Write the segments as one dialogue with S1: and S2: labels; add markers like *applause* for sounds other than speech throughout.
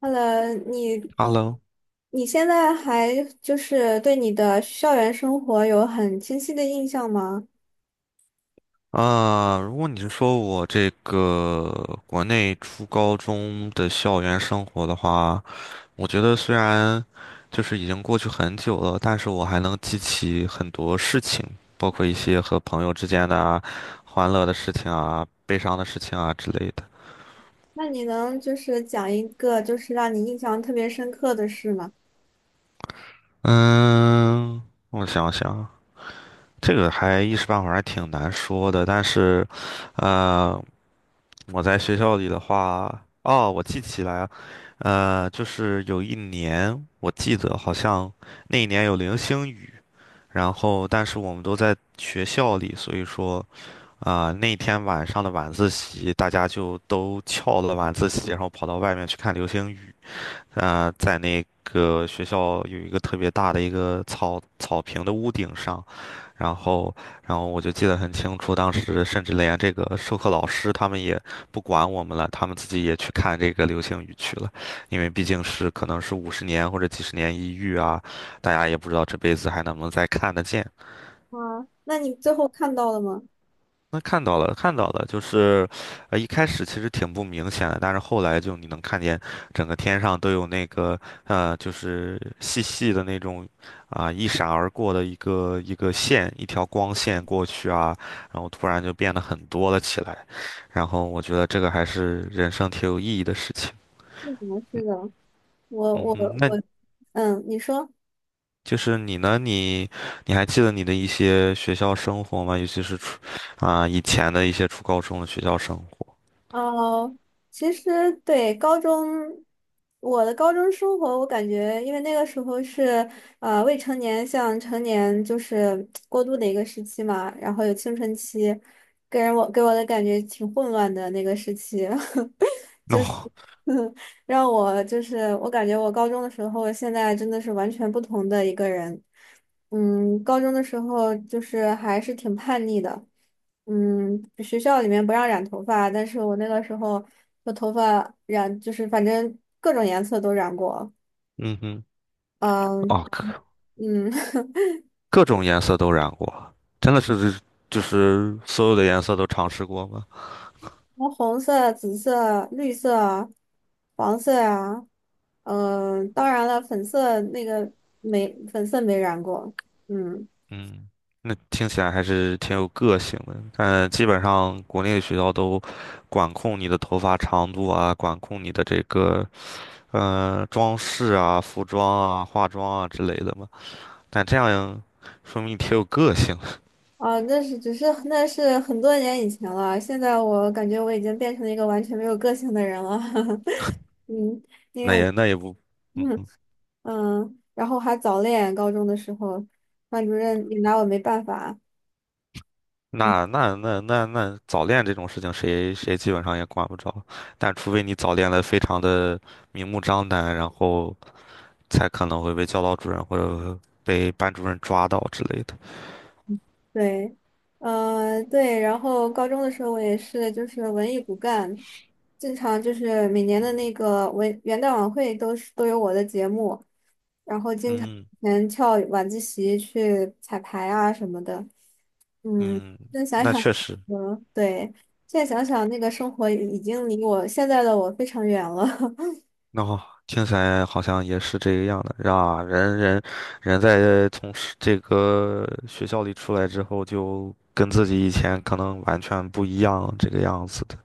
S1: h e 你。
S2: OK，Hello。
S1: 你现在还就是对你的校园生活有很清晰的印象吗？
S2: 啊，如果你是说我这个国内初高中的校园生活的话，我觉得虽然就是已经过去很久了，但是我还能记起很多事情，包括一些和朋友之间的啊欢乐的事情啊、悲伤的事情啊之类的。
S1: 那你能就是讲一个就是让你印象特别深刻的事吗？
S2: 嗯，我想想，这个还一时半会儿还挺难说的，但是，呃。我在学校里的话，哦，我记起来了，就是有一年，我记得好像那一年有流星雨，然后但是我们都在学校里，所以说那天晚上的晚自习，大家就都翘了晚自习，然后跑到外面去看流星雨。在那个学校有一个特别大的一个草坪的屋顶上，然后，然后我就记得很清楚，当时甚至连这个授课老师他们也不管我们了，他们自己也去看这个流星雨去了，因为毕竟是可能是50年或者几十年一遇啊，大家也不知道这辈子还能不能再看得见。
S1: 啊，那你最后看到了吗？
S2: 那看到了，看到了，就是，一开始其实挺不明显的，但是后来就你能看见整个天上都有那个，就是细细的那种，一闪而过的一个一个线，一条光线过去啊，然后突然就变得很多了起来，然后我觉得这个还是人生挺有意义的事情。
S1: 是什么事
S2: 嗯。
S1: 的？我
S2: 嗯
S1: 我
S2: 哼，那
S1: 我，嗯，你说。
S2: 就是你呢？你还记得你的一些学校生活吗？尤其是初以前的一些初高中的学校生活。
S1: 哦，其实对高中，我的高中生活，我感觉因为那个时候是未成年向成年就是过渡的一个时期嘛，然后有青春期，给我的感觉挺混乱的那个时期。*laughs*
S2: *laughs* 哦，
S1: *laughs* 让我就是我感觉我高中的时候，现在真的是完全不同的一个人。嗯，高中的时候就是还是挺叛逆的。嗯，学校里面不让染头发，但是我那个时候我头发染就是反正各种颜色都染过。
S2: 嗯哼。
S1: 嗯
S2: 哦，各
S1: 嗯，*laughs*
S2: 各种颜色都染过，真的是就是所有的颜色都尝试过吗？
S1: 红色、紫色、绿色啊、黄色啊，嗯，当然了，粉色那个没粉色没染过。嗯。
S2: 嗯，那听起来还是挺有个性的。但基本上国内的学校都管控你的头发长度啊，管控你的这个装饰啊、服装啊、化妆啊之类的嘛。但这样说明你挺有个性，
S1: 啊，那是很多年以前了，现在我感觉我已经变成了一个完全没有个性的人了。*laughs* 嗯，因为
S2: 那
S1: 我
S2: 也那也不，嗯。
S1: 嗯嗯，然后还早恋，高中的时候，班主任也拿我没办法。嗯，
S2: 那早恋这种事情，谁基本上也管不着。但除非你早恋的非常的明目张胆，然后才可能会被教导主任或者被班主任抓到之类的。
S1: 对，嗯对，然后高中的时候我也是就是文艺骨干，经常就是每年的那个元旦晚会都有我的节目，然后经常
S2: 嗯。
S1: 以前翘晚自习去彩排啊什么的。嗯，
S2: 嗯，
S1: 现在想
S2: 那
S1: 想，
S2: 确实，
S1: 嗯，对，现在想想那个生活已经离我现在的我非常远了，*laughs*
S2: 那好，听起来好像也是这个样的。啊，人在从是这个学校里出来之后，就跟自己以前可能完全不一样这个样子的。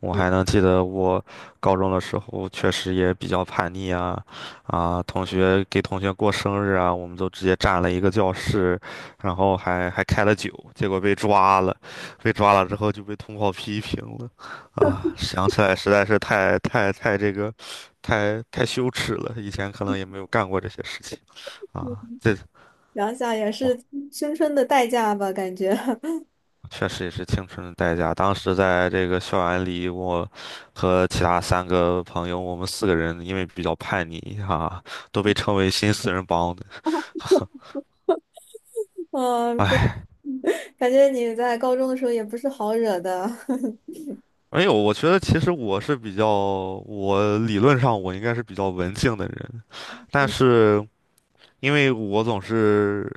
S2: 我还能记得我高中的时候，确实也比较叛逆啊，啊，同学给同学过生日啊，我们都直接占了一个教室，然后还开了酒，结果被抓了，被抓了之后就被通报批评了，啊，想起来实在是太这个，太羞耻了，以前可能也没有干过这些事情啊，这。
S1: 想想也
S2: 哇。
S1: 是青春的代价吧，感觉，
S2: 确实也是青春的代价。当时在这个校园里，我和其他三个朋友，我们四个人因为比较叛逆哈、都被称为新四人帮的。*laughs*
S1: *laughs* 嗯，对，
S2: 哎，
S1: 感觉你在高中的时候也不是好惹的，*laughs*
S2: 没有，我觉得其实我是比较，我理论上我应该是比较文静的人，但是因为我总是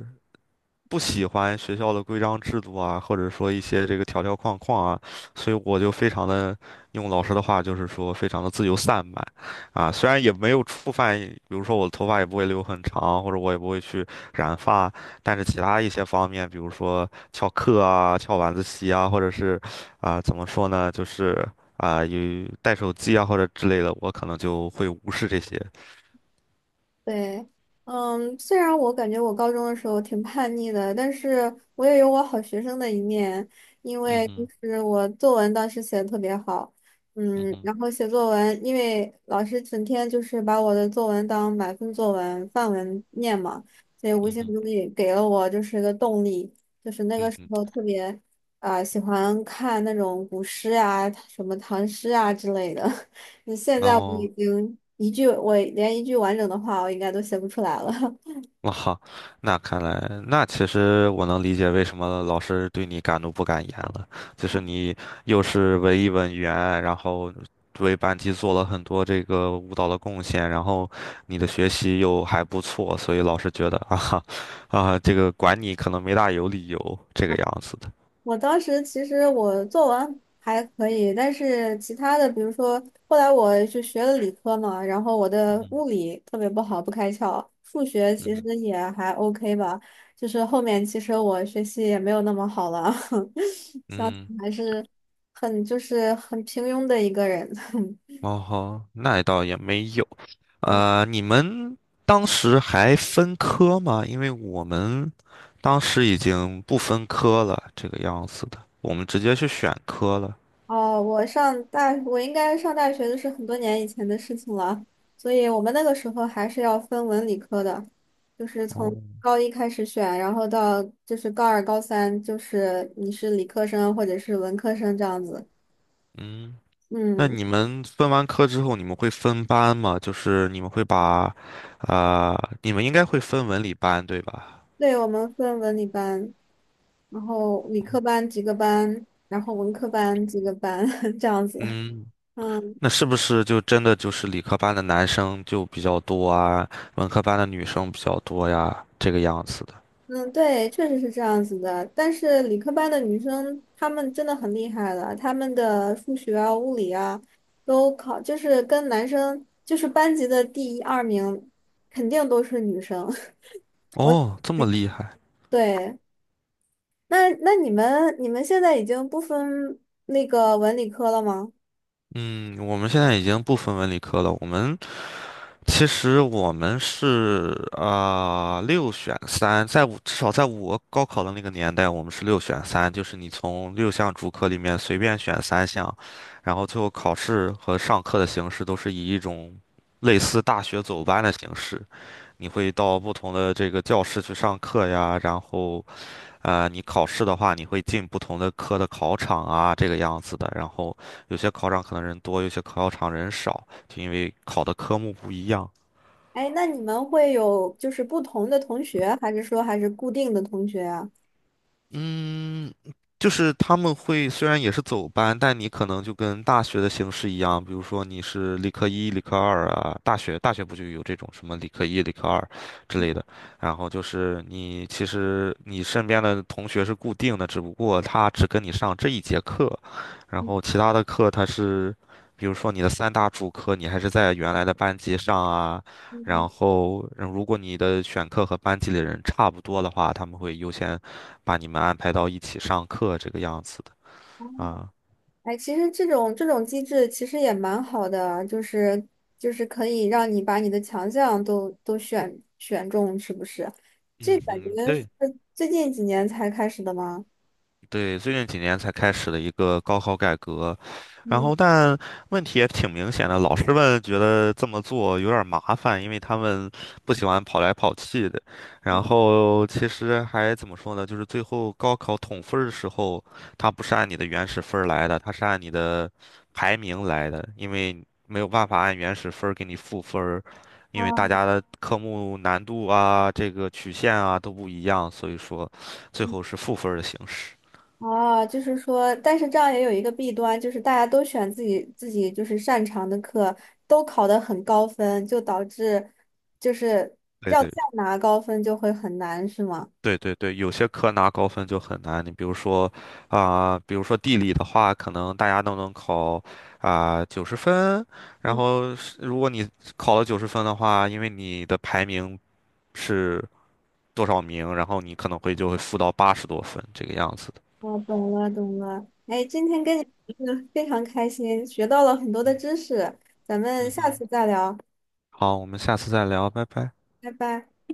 S2: 不喜欢学校的规章制度啊，或者说一些这个条条框框啊，所以我就非常的，用老师的话就是说，非常的自由散漫。虽然也没有触犯，比如说我的头发也不会留很长，或者我也不会去染发，但是其他一些方面，比如说翘课啊、翘晚自习啊，或者是怎么说呢，就是有带手机啊或者之类的，我可能就会无视这些。
S1: 对，嗯，虽然我感觉我高中的时候挺叛逆的，但是我也有我好学生的一面，因
S2: 嗯
S1: 为就
S2: 哼，
S1: 是我作文当时写的特别好，
S2: 嗯
S1: 嗯，
S2: 哼，
S1: 然后写作文，因为老师整天就是把我的作文当满分作文、范文念嘛，所以无
S2: 嗯
S1: 形
S2: 哼，
S1: 中也给了我就是个动力，就是那个
S2: 嗯
S1: 时
S2: 哼，
S1: 候特别啊、喜欢看那种古诗啊、什么唐诗啊之类的。你现
S2: 然
S1: 在我已
S2: 后。
S1: 经一句，我连一句完整的话，我应该都写不出来了。*laughs*
S2: 哇哈，那看来，那其实我能理解为什么老师对你敢怒不敢言了，就是你又是文艺委员，然后为班级做了很多这个舞蹈的贡献，然后你的学习又还不错，所以老师觉得啊哈，啊，这个管你可能没大有理由这个样子的。
S1: 我当时其实我作文还可以，但是其他的，比如说后来我就学了理科嘛，然后我的
S2: 嗯
S1: 物理特别不好，不开窍，数学
S2: 哼。嗯
S1: 其实
S2: 哼。
S1: 也还 OK 吧，就是后面其实我学习也没有那么好了，*laughs* 想想
S2: 嗯。
S1: 还是很就是很平庸的一个人。*laughs*
S2: 哦吼，那倒也没有。你们当时还分科吗？因为我们当时已经不分科了，这个样子的，我们直接去选科了。
S1: 哦，我应该上大学的是很多年以前的事情了，所以我们那个时候还是要分文理科的，就是从
S2: 哦，
S1: 高一开始选，然后到就是高二、高三，就是你是理科生或者是文科生这样子。
S2: 嗯，那
S1: 嗯，
S2: 你们分完科之后，你们会分班吗？就是你们会把，呃，你们应该会分文理班，对吧？
S1: 对，我们分文理班，然后理科班几个班，然后文科班几个班 *laughs* 这样子。
S2: 嗯，
S1: 嗯。
S2: 那是不是就真的就是理科班的男生就比较多啊，文科班的女生比较多呀，这个样子的？
S1: 嗯，对，确实是这样子的。但是理科班的女生，她们真的很厉害了，她们的数学啊、物理啊，都考，就是跟男生，就是班级的第一二名，肯定都是女生。*laughs* 我，
S2: 哦，这么厉害。
S1: 对，那你们现在已经不分那个文理科了吗？
S2: 嗯，我们现在已经不分文理科了。其实我们是六选三，在我至少在我高考的那个年代，我们是六选三，就是你从6项主科里面随便选3项，然后最后考试和上课的形式都是以一种类似大学走班的形式，你会到不同的这个教室去上课呀，然后你考试的话，你会进不同的科的考场啊，这个样子的。然后有些考场可能人多，有些考场人少，就因为考的科目不一样。
S1: 哎，那你们会有就是不同的同学，还是说还是固定的同学啊？
S2: 嗯，就是他们会虽然也是走班，但你可能就跟大学的形式一样，比如说你是理科一、理科二啊，大学不就有这种什么理科一、理科二之类的，然后就是你其实你身边的同学是固定的，只不过他只跟你上这一节课，然后其他的课他是，比如说你的三大主课你还是在原来的班级上啊。
S1: 嗯。
S2: 然后，嗯如果你的选课和班级里人差不多的话，他们会优先把你们安排到一起上课这个样子的啊。
S1: 哎，其实这种机制其实也蛮好的啊，就是可以让你把你的强项都选中，是不是？这
S2: 嗯
S1: 感觉
S2: 哼，
S1: 是
S2: 对。
S1: 最近几年才开始的吗？
S2: 对，最近几年才开始的一个高考改革，然
S1: 嗯，
S2: 后但问题也挺明显的，老师们觉得这么做有点儿麻烦，因为他们不喜欢跑来跑去的。然后其实还怎么说呢，就是最后高考统分儿的时候，它不是按你的原始分儿来的，它是按你的排名来的，因为没有办法按原始分儿给你赋分儿，因为大家的科目难度啊、这个曲线啊都不一样，所以说最后是赋分儿的形式。
S1: 啊，就是说，但是这样也有一个弊端，就是大家都选自己就是擅长的课，都考得很高分，就导致就是
S2: 对
S1: 要再
S2: 对
S1: 拿高分就会很难，是吗？
S2: 对对对，有些科拿高分就很难。你比如说啊、比如说地理的话，可能大家都能考九十分，然
S1: 嗯。
S2: 后是如果你考了九十分的话，因为你的排名是多少名，然后你可能会就会负到80多分这个样子的。
S1: 我懂了，懂了。哎，今天跟你聊得非常开心，学到了很多的知识，咱们
S2: 嗯
S1: 下
S2: 哼，
S1: 次再聊，
S2: 好，我们下次再聊，拜拜。
S1: 拜拜。